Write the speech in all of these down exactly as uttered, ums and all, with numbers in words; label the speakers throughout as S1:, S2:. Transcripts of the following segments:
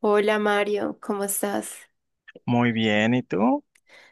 S1: Hola Mario, ¿cómo estás?
S2: Muy bien, ¿y tú?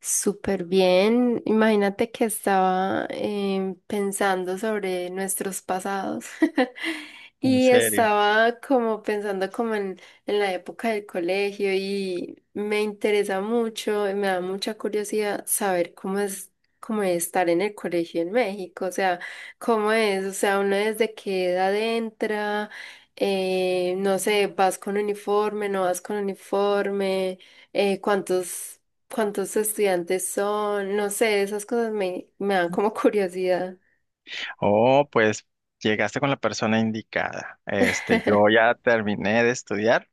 S1: Súper bien. Imagínate que estaba eh, pensando sobre nuestros pasados
S2: En
S1: y
S2: serio.
S1: estaba como pensando como en, en la época del colegio y me interesa mucho, y me da mucha curiosidad saber cómo es, cómo es estar en el colegio en México, o sea, cómo es, o sea, uno desde qué edad entra, eh, no sé, vas con uniforme, no vas con uniforme, eh, cuántos ¿Cuántos estudiantes son? No sé, esas cosas me, me dan como curiosidad.
S2: Oh, pues llegaste con la persona indicada. Este, yo ya terminé de estudiar.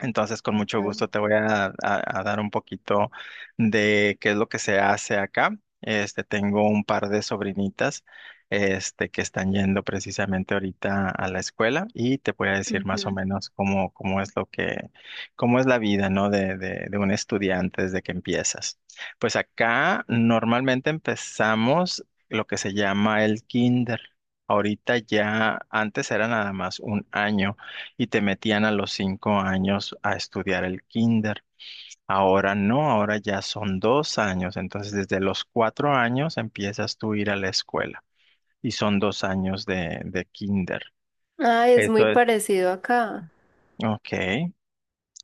S2: Entonces, con mucho
S1: Ah,
S2: gusto te voy a, a- a dar un poquito de qué es lo que se hace acá. Este, tengo un par de sobrinitas, este, que están yendo precisamente ahorita a la escuela y te voy a decir más o
S1: ujú.
S2: menos cómo, cómo es lo que, cómo es la vida, ¿no? De, de, de un estudiante desde que empiezas. Pues acá normalmente empezamos lo que se llama el kinder. Ahorita ya, antes era nada más un año y te metían a los cinco años a estudiar el kinder. Ahora no, ahora ya son dos años, entonces desde los cuatro años empiezas tú a ir a la escuela y son dos años de, de kinder.
S1: Ay, es muy
S2: Eso es,
S1: parecido acá.
S2: ok.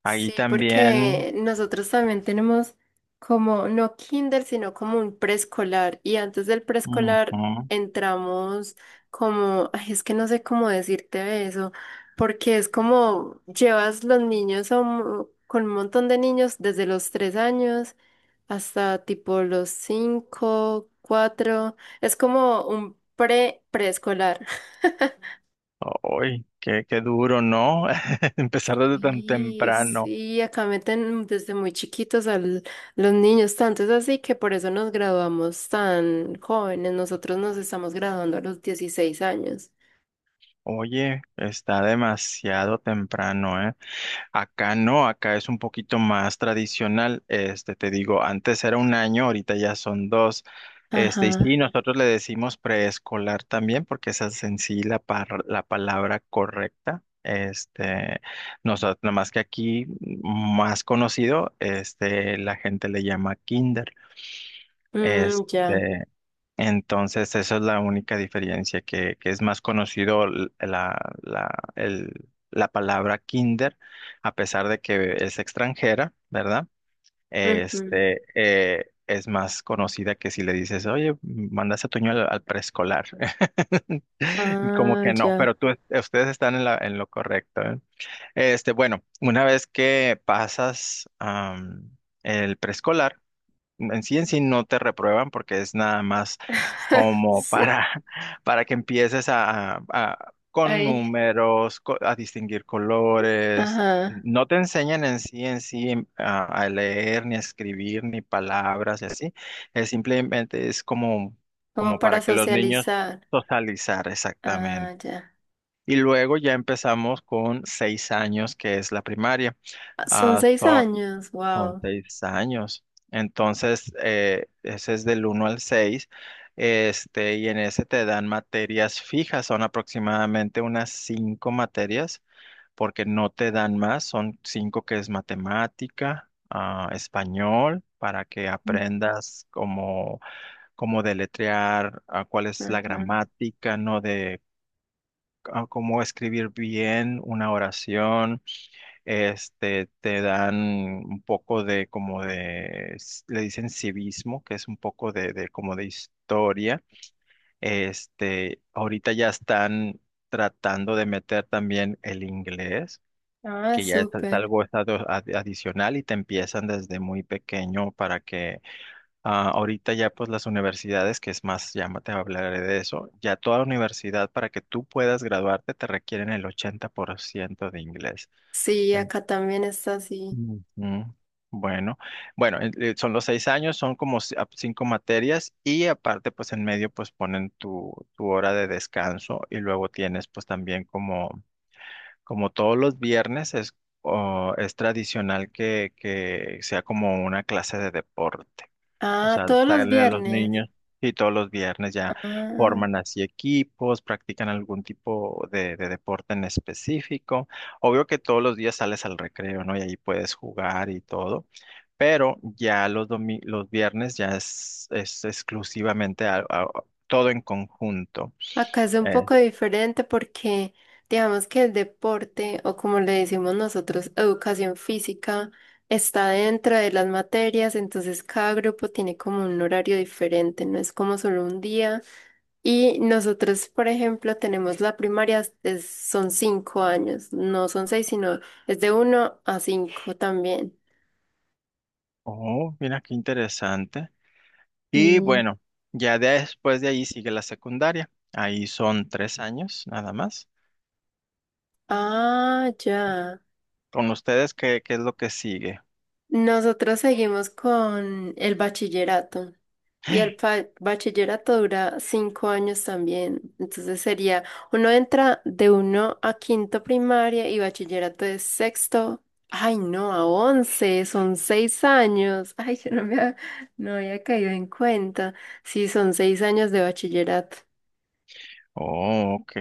S2: Ahí
S1: Sí,
S2: también,
S1: porque nosotros también tenemos como, no kinder, sino como un preescolar. Y antes del preescolar
S2: ujú.
S1: entramos como, ay, es que no sé cómo decirte de eso, porque es como llevas los niños a un- con un montón de niños desde los tres años hasta tipo los cinco, cuatro. Es como un pre preescolar.
S2: Ay, qué, qué duro, ¿no? Empezar desde tan
S1: Sí,
S2: temprano.
S1: sí, acá meten desde muy chiquitos a los niños, tanto es así que por eso nos graduamos tan jóvenes. Nosotros nos estamos graduando a los dieciséis años.
S2: Oye, está demasiado temprano, ¿eh? Acá no, acá es un poquito más tradicional. Este, te digo, antes era un año, ahorita ya son dos. Este, y sí,
S1: Ajá.
S2: nosotros le decimos preescolar también, porque esa es en sí la, par- la palabra correcta. Este, nosotros, nada más que aquí, más conocido, este, la gente le llama kinder.
S1: Mm, ya.
S2: Este, entonces, esa es la única diferencia, que, que es más conocido l- la, la, el- la palabra kinder, a pesar de que es extranjera, ¿verdad?
S1: Ujú.
S2: Este, eh, es más conocida que si le dices, oye, mandas a Toño al, al preescolar. Como
S1: Ah,
S2: que no,
S1: ya.
S2: pero tú, ustedes están en la, en lo correcto, ¿eh? Este, bueno, una vez que pasas, am, el preescolar, en sí en sí no te reprueban porque es nada más como
S1: Sí.
S2: para, para que empieces a, a- con
S1: Ay.
S2: números, co- a distinguir colores.
S1: Ajá.
S2: No te enseñan en sí en sí em, a, a leer, ni a escribir, ni palabras y así. Es simplemente es como,
S1: Como
S2: como
S1: para
S2: para que los niños
S1: socializar.
S2: socializar
S1: Ah,
S2: exactamente.
S1: ya.
S2: Y luego ya empezamos con seis años, que es la primaria.
S1: Ah, son
S2: Ah,
S1: seis
S2: so,
S1: años.
S2: son
S1: Wow.
S2: seis años. Entonces, eh, ese es del uno al seis. Este, y en ese te dan materias fijas, son aproximadamente unas cinco materias, porque no te dan más, son cinco que es matemática, ah, español, para que aprendas cómo, cómo deletrear, ah, cuál es la
S1: Ajá.
S2: gramática, ¿no? De ah, cómo escribir bien una oración. Este, te dan un poco de como de, s- le dicen civismo, que es un poco de, de, como de historia. Este, ahorita ya están tratando de meter también el inglés,
S1: Ah,
S2: que ya es, es
S1: súper.
S2: algo es ado- ad- adicional y te empiezan desde muy pequeño para que ah, ahorita ya pues las universidades, que es más, ya te hablaré de eso, ya toda universidad para que tú puedas graduarte te requieren el ochenta por ciento de inglés.
S1: Sí, acá también está así.
S2: Ujú. Bueno, bueno, en- eh, son los seis años, son como ci- ap- cinco materias y aparte pues en medio pues ponen tu, tu hora de descanso y luego tienes pues también como, como, todos los viernes es, o- es tradicional que, que sea como una clase de deporte. O
S1: Ah,
S2: sea,
S1: todos los
S2: salen a los
S1: viernes.
S2: niños y todos los viernes ya
S1: Ah,
S2: forman así equipos, practican algún tipo de, de deporte en específico. Obvio que todos los días sales al recreo, ¿no? Y ahí puedes jugar y todo, pero ya los domi- los viernes ya es, es exclusivamente a- a- todo en conjunto.
S1: acá es un
S2: Eh,
S1: poco diferente porque digamos que el deporte, o como le decimos nosotros, educación física, está dentro de las materias, entonces cada grupo tiene como un horario diferente, no es como solo un día. Y nosotros, por ejemplo, tenemos la primaria, es- son cinco años, no son seis, sino es de uno a cinco también.
S2: oh, mira qué interesante. Y
S1: Mm.
S2: bueno, ya después de ahí sigue la secundaria. Ahí son tres años nada más.
S1: Ah, ya.
S2: Con ustedes, ¿qué, qué es lo que sigue?
S1: Nosotros seguimos con el bachillerato. Y el pa- bachillerato dura cinco años también. Entonces sería, uno entra de uno a quinto primaria y bachillerato de sexto. Ay, no, a once, son seis años. Ay, yo no me ha- no había caído en cuenta. Sí, son seis años de bachillerato.
S2: Oh, ok.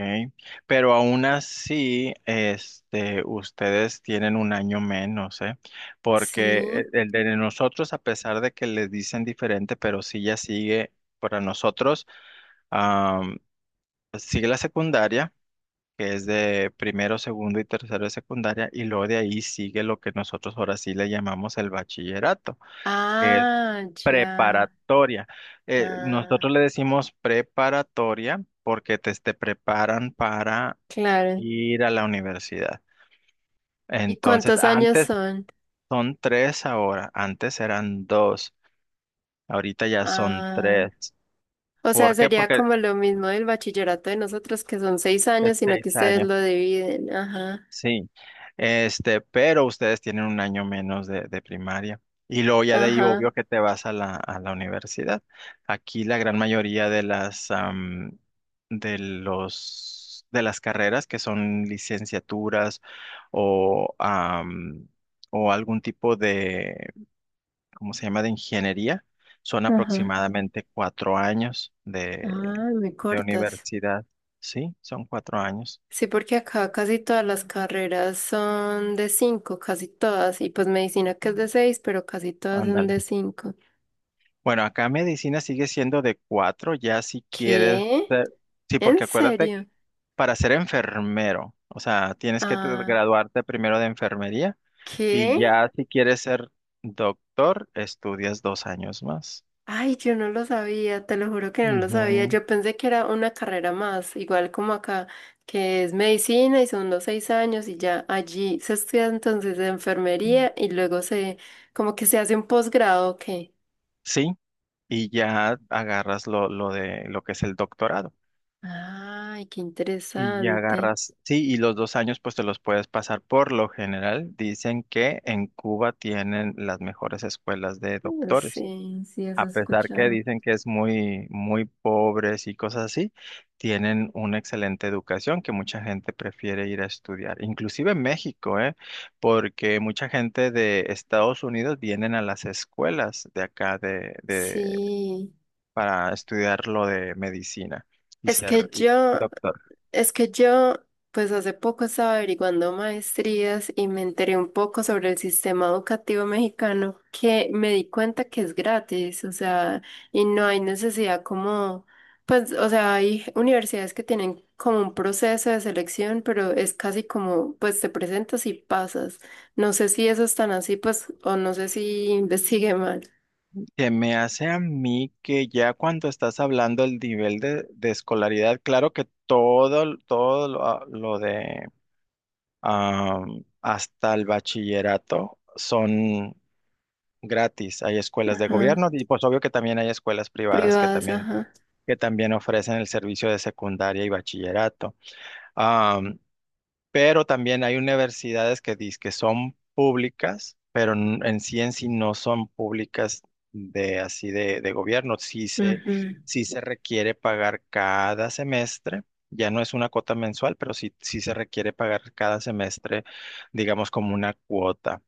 S2: Pero aún así, este, ustedes tienen un año menos, ¿eh?
S1: Sí.
S2: Porque el el de nosotros, a pesar de que les dicen diferente, pero sí ya sigue para nosotros. Am, sigue la secundaria, que es de primero, segundo y tercero de secundaria, y luego de ahí sigue lo que nosotros ahora sí le llamamos el bachillerato, que es
S1: Ah, ya.
S2: preparatoria. Eh, nosotros
S1: Ah,
S2: le decimos preparatoria porque te, te preparan para
S1: claro.
S2: ir a la universidad.
S1: ¿Y
S2: Entonces,
S1: cuántos años
S2: antes
S1: son?
S2: son tres ahora, antes eran dos, ahorita ya son
S1: Ah.
S2: tres.
S1: O sea,
S2: ¿Por qué?
S1: sería
S2: Porque
S1: como lo mismo del bachillerato de nosotros, que son seis
S2: es
S1: años, sino
S2: seis
S1: que ustedes
S2: años.
S1: lo dividen. Ajá,
S2: Sí, este, pero ustedes tienen un año menos de, de primaria. Y luego ya de ahí
S1: ajá,
S2: obvio que te vas a la, a la universidad. Aquí la gran mayoría de las am, de los de las carreras que son licenciaturas o am, o algún tipo de, ¿cómo se llama? De ingeniería, son
S1: ajá.
S2: aproximadamente cuatro años de,
S1: Ah, me
S2: de
S1: cortas.
S2: universidad. Sí, son cuatro años.
S1: Sí, porque acá casi todas las carreras son de cinco, casi todas. Y pues medicina que es de seis, pero casi todas son
S2: Ándale.
S1: de cinco.
S2: Bueno, acá medicina sigue siendo de cuatro, ya si quieres,
S1: ¿Qué?
S2: eh, sí,
S1: ¿En
S2: porque acuérdate,
S1: serio?
S2: para ser enfermero, o sea, tienes que te-
S1: Ah,
S2: graduarte primero de enfermería y
S1: ¿qué?
S2: ya si quieres ser doctor, estudias dos años más.
S1: Ay, yo no lo sabía, te lo juro que no lo sabía.
S2: Ujú.
S1: Yo pensé que era una carrera más, igual como acá, que es medicina y son los seis años y ya allí se estudia entonces enfermería y luego se, como que se hace un posgrado, ¿qué?
S2: Sí, y ya agarras lo, lo de lo que es el doctorado.
S1: Ay, qué
S2: Y ya
S1: interesante.
S2: agarras, sí, y los dos años pues te los puedes pasar. Por lo general, dicen que en Cuba tienen las mejores escuelas de doctores.
S1: Sí, sí,
S2: A
S1: eso he
S2: pesar que
S1: escuchado.
S2: dicen que es muy, muy pobres y cosas así, tienen una excelente educación que mucha gente prefiere ir a estudiar, inclusive en México, ¿eh? Porque mucha gente de Estados Unidos vienen a las escuelas de acá de, de,
S1: Sí,
S2: para estudiar lo de medicina y
S1: es que
S2: ser y-
S1: yo,
S2: doctor.
S1: Es que yo, pues hace poco estaba averiguando maestrías y me enteré un poco sobre el sistema educativo mexicano, que me di cuenta que es gratis, o sea, y no hay necesidad como, pues, o sea, hay universidades que tienen como un proceso de selección, pero es casi como, pues te presentas y pasas. No sé si eso es tan así, pues, o no sé si investigué mal.
S2: Se me hace a mí que ya cuando estás hablando del nivel de, de escolaridad, claro que todo, todo lo lo de am, hasta el bachillerato son gratis. Hay escuelas de
S1: Ajá.
S2: gobierno y pues obvio que también hay escuelas privadas que
S1: Privadas,
S2: también,
S1: ajá.
S2: que también ofrecen el servicio de secundaria y bachillerato, pero también hay universidades que dicen que son públicas, pero n- en sí en sí no son públicas de así de, de gobierno. Sí se,
S1: Ujú.
S2: sí se requiere pagar cada semestre. Ya no es una cuota mensual, pero sí, sí se requiere pagar cada semestre, digamos, como una cuota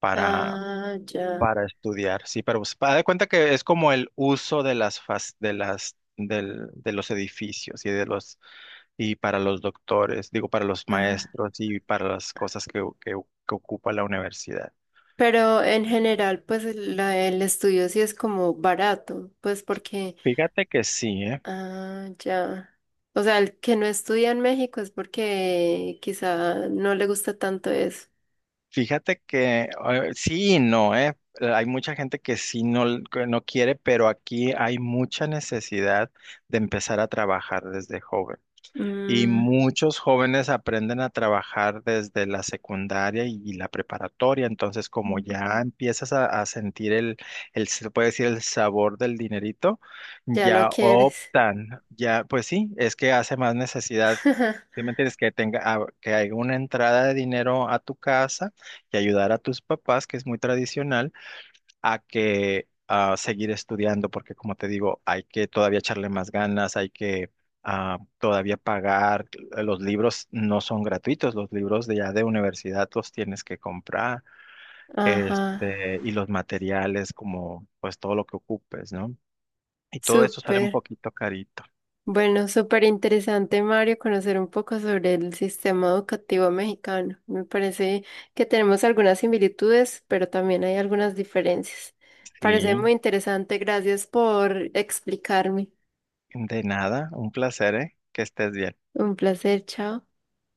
S2: para,
S1: Ah, ya.
S2: para estudiar. Sí, pero pues, para de cuenta que es como el uso de las fas- de las del- de los edificios y de los y para los doctores, digo, para los
S1: Ajá.
S2: maestros y para las cosas que, que- que ocupa la universidad.
S1: Pero en general, pues el la- el estudio sí es como barato, pues porque,
S2: Fíjate que sí, ¿eh?
S1: ah, ya. O sea, el que no estudia en México es porque quizá no le gusta tanto eso.
S2: Fíjate que eh, sí y no, ¿eh? Hay mucha gente que sí no, que no quiere, pero aquí hay mucha necesidad de empezar a trabajar desde joven. Y
S1: Mm,
S2: muchos jóvenes aprenden a trabajar desde la secundaria y, y la preparatoria, entonces como ya empiezas a, a sentir el, el, se puede decir, el sabor del dinerito,
S1: ya no
S2: ya
S1: quieres.
S2: optan, ya, pues sí, es que hace más necesidad, ¿sí me entiendes? Que tenga, ah, que haya una entrada de dinero a tu casa y ayudar a tus papás, que es muy tradicional, a que a seguir estudiando, porque como te digo, hay que todavía echarle más ganas, hay que ah, todavía pagar. eh, Los libros no son gratuitos, los libros de ya de universidad los tienes que comprar,
S1: Ajá,
S2: este, y los materiales como pues todo lo que ocupes, ¿no? Y todo eso sale un
S1: súper.
S2: poquito carito.
S1: Bueno, súper interesante, Mario, conocer un poco sobre el sistema educativo mexicano. Me parece que tenemos algunas similitudes, pero también hay algunas diferencias. Parece
S2: Sí,
S1: muy interesante. Gracias por explicarme.
S2: de nada, un placer, ¿eh? Que estés bien.
S1: Un placer, chao.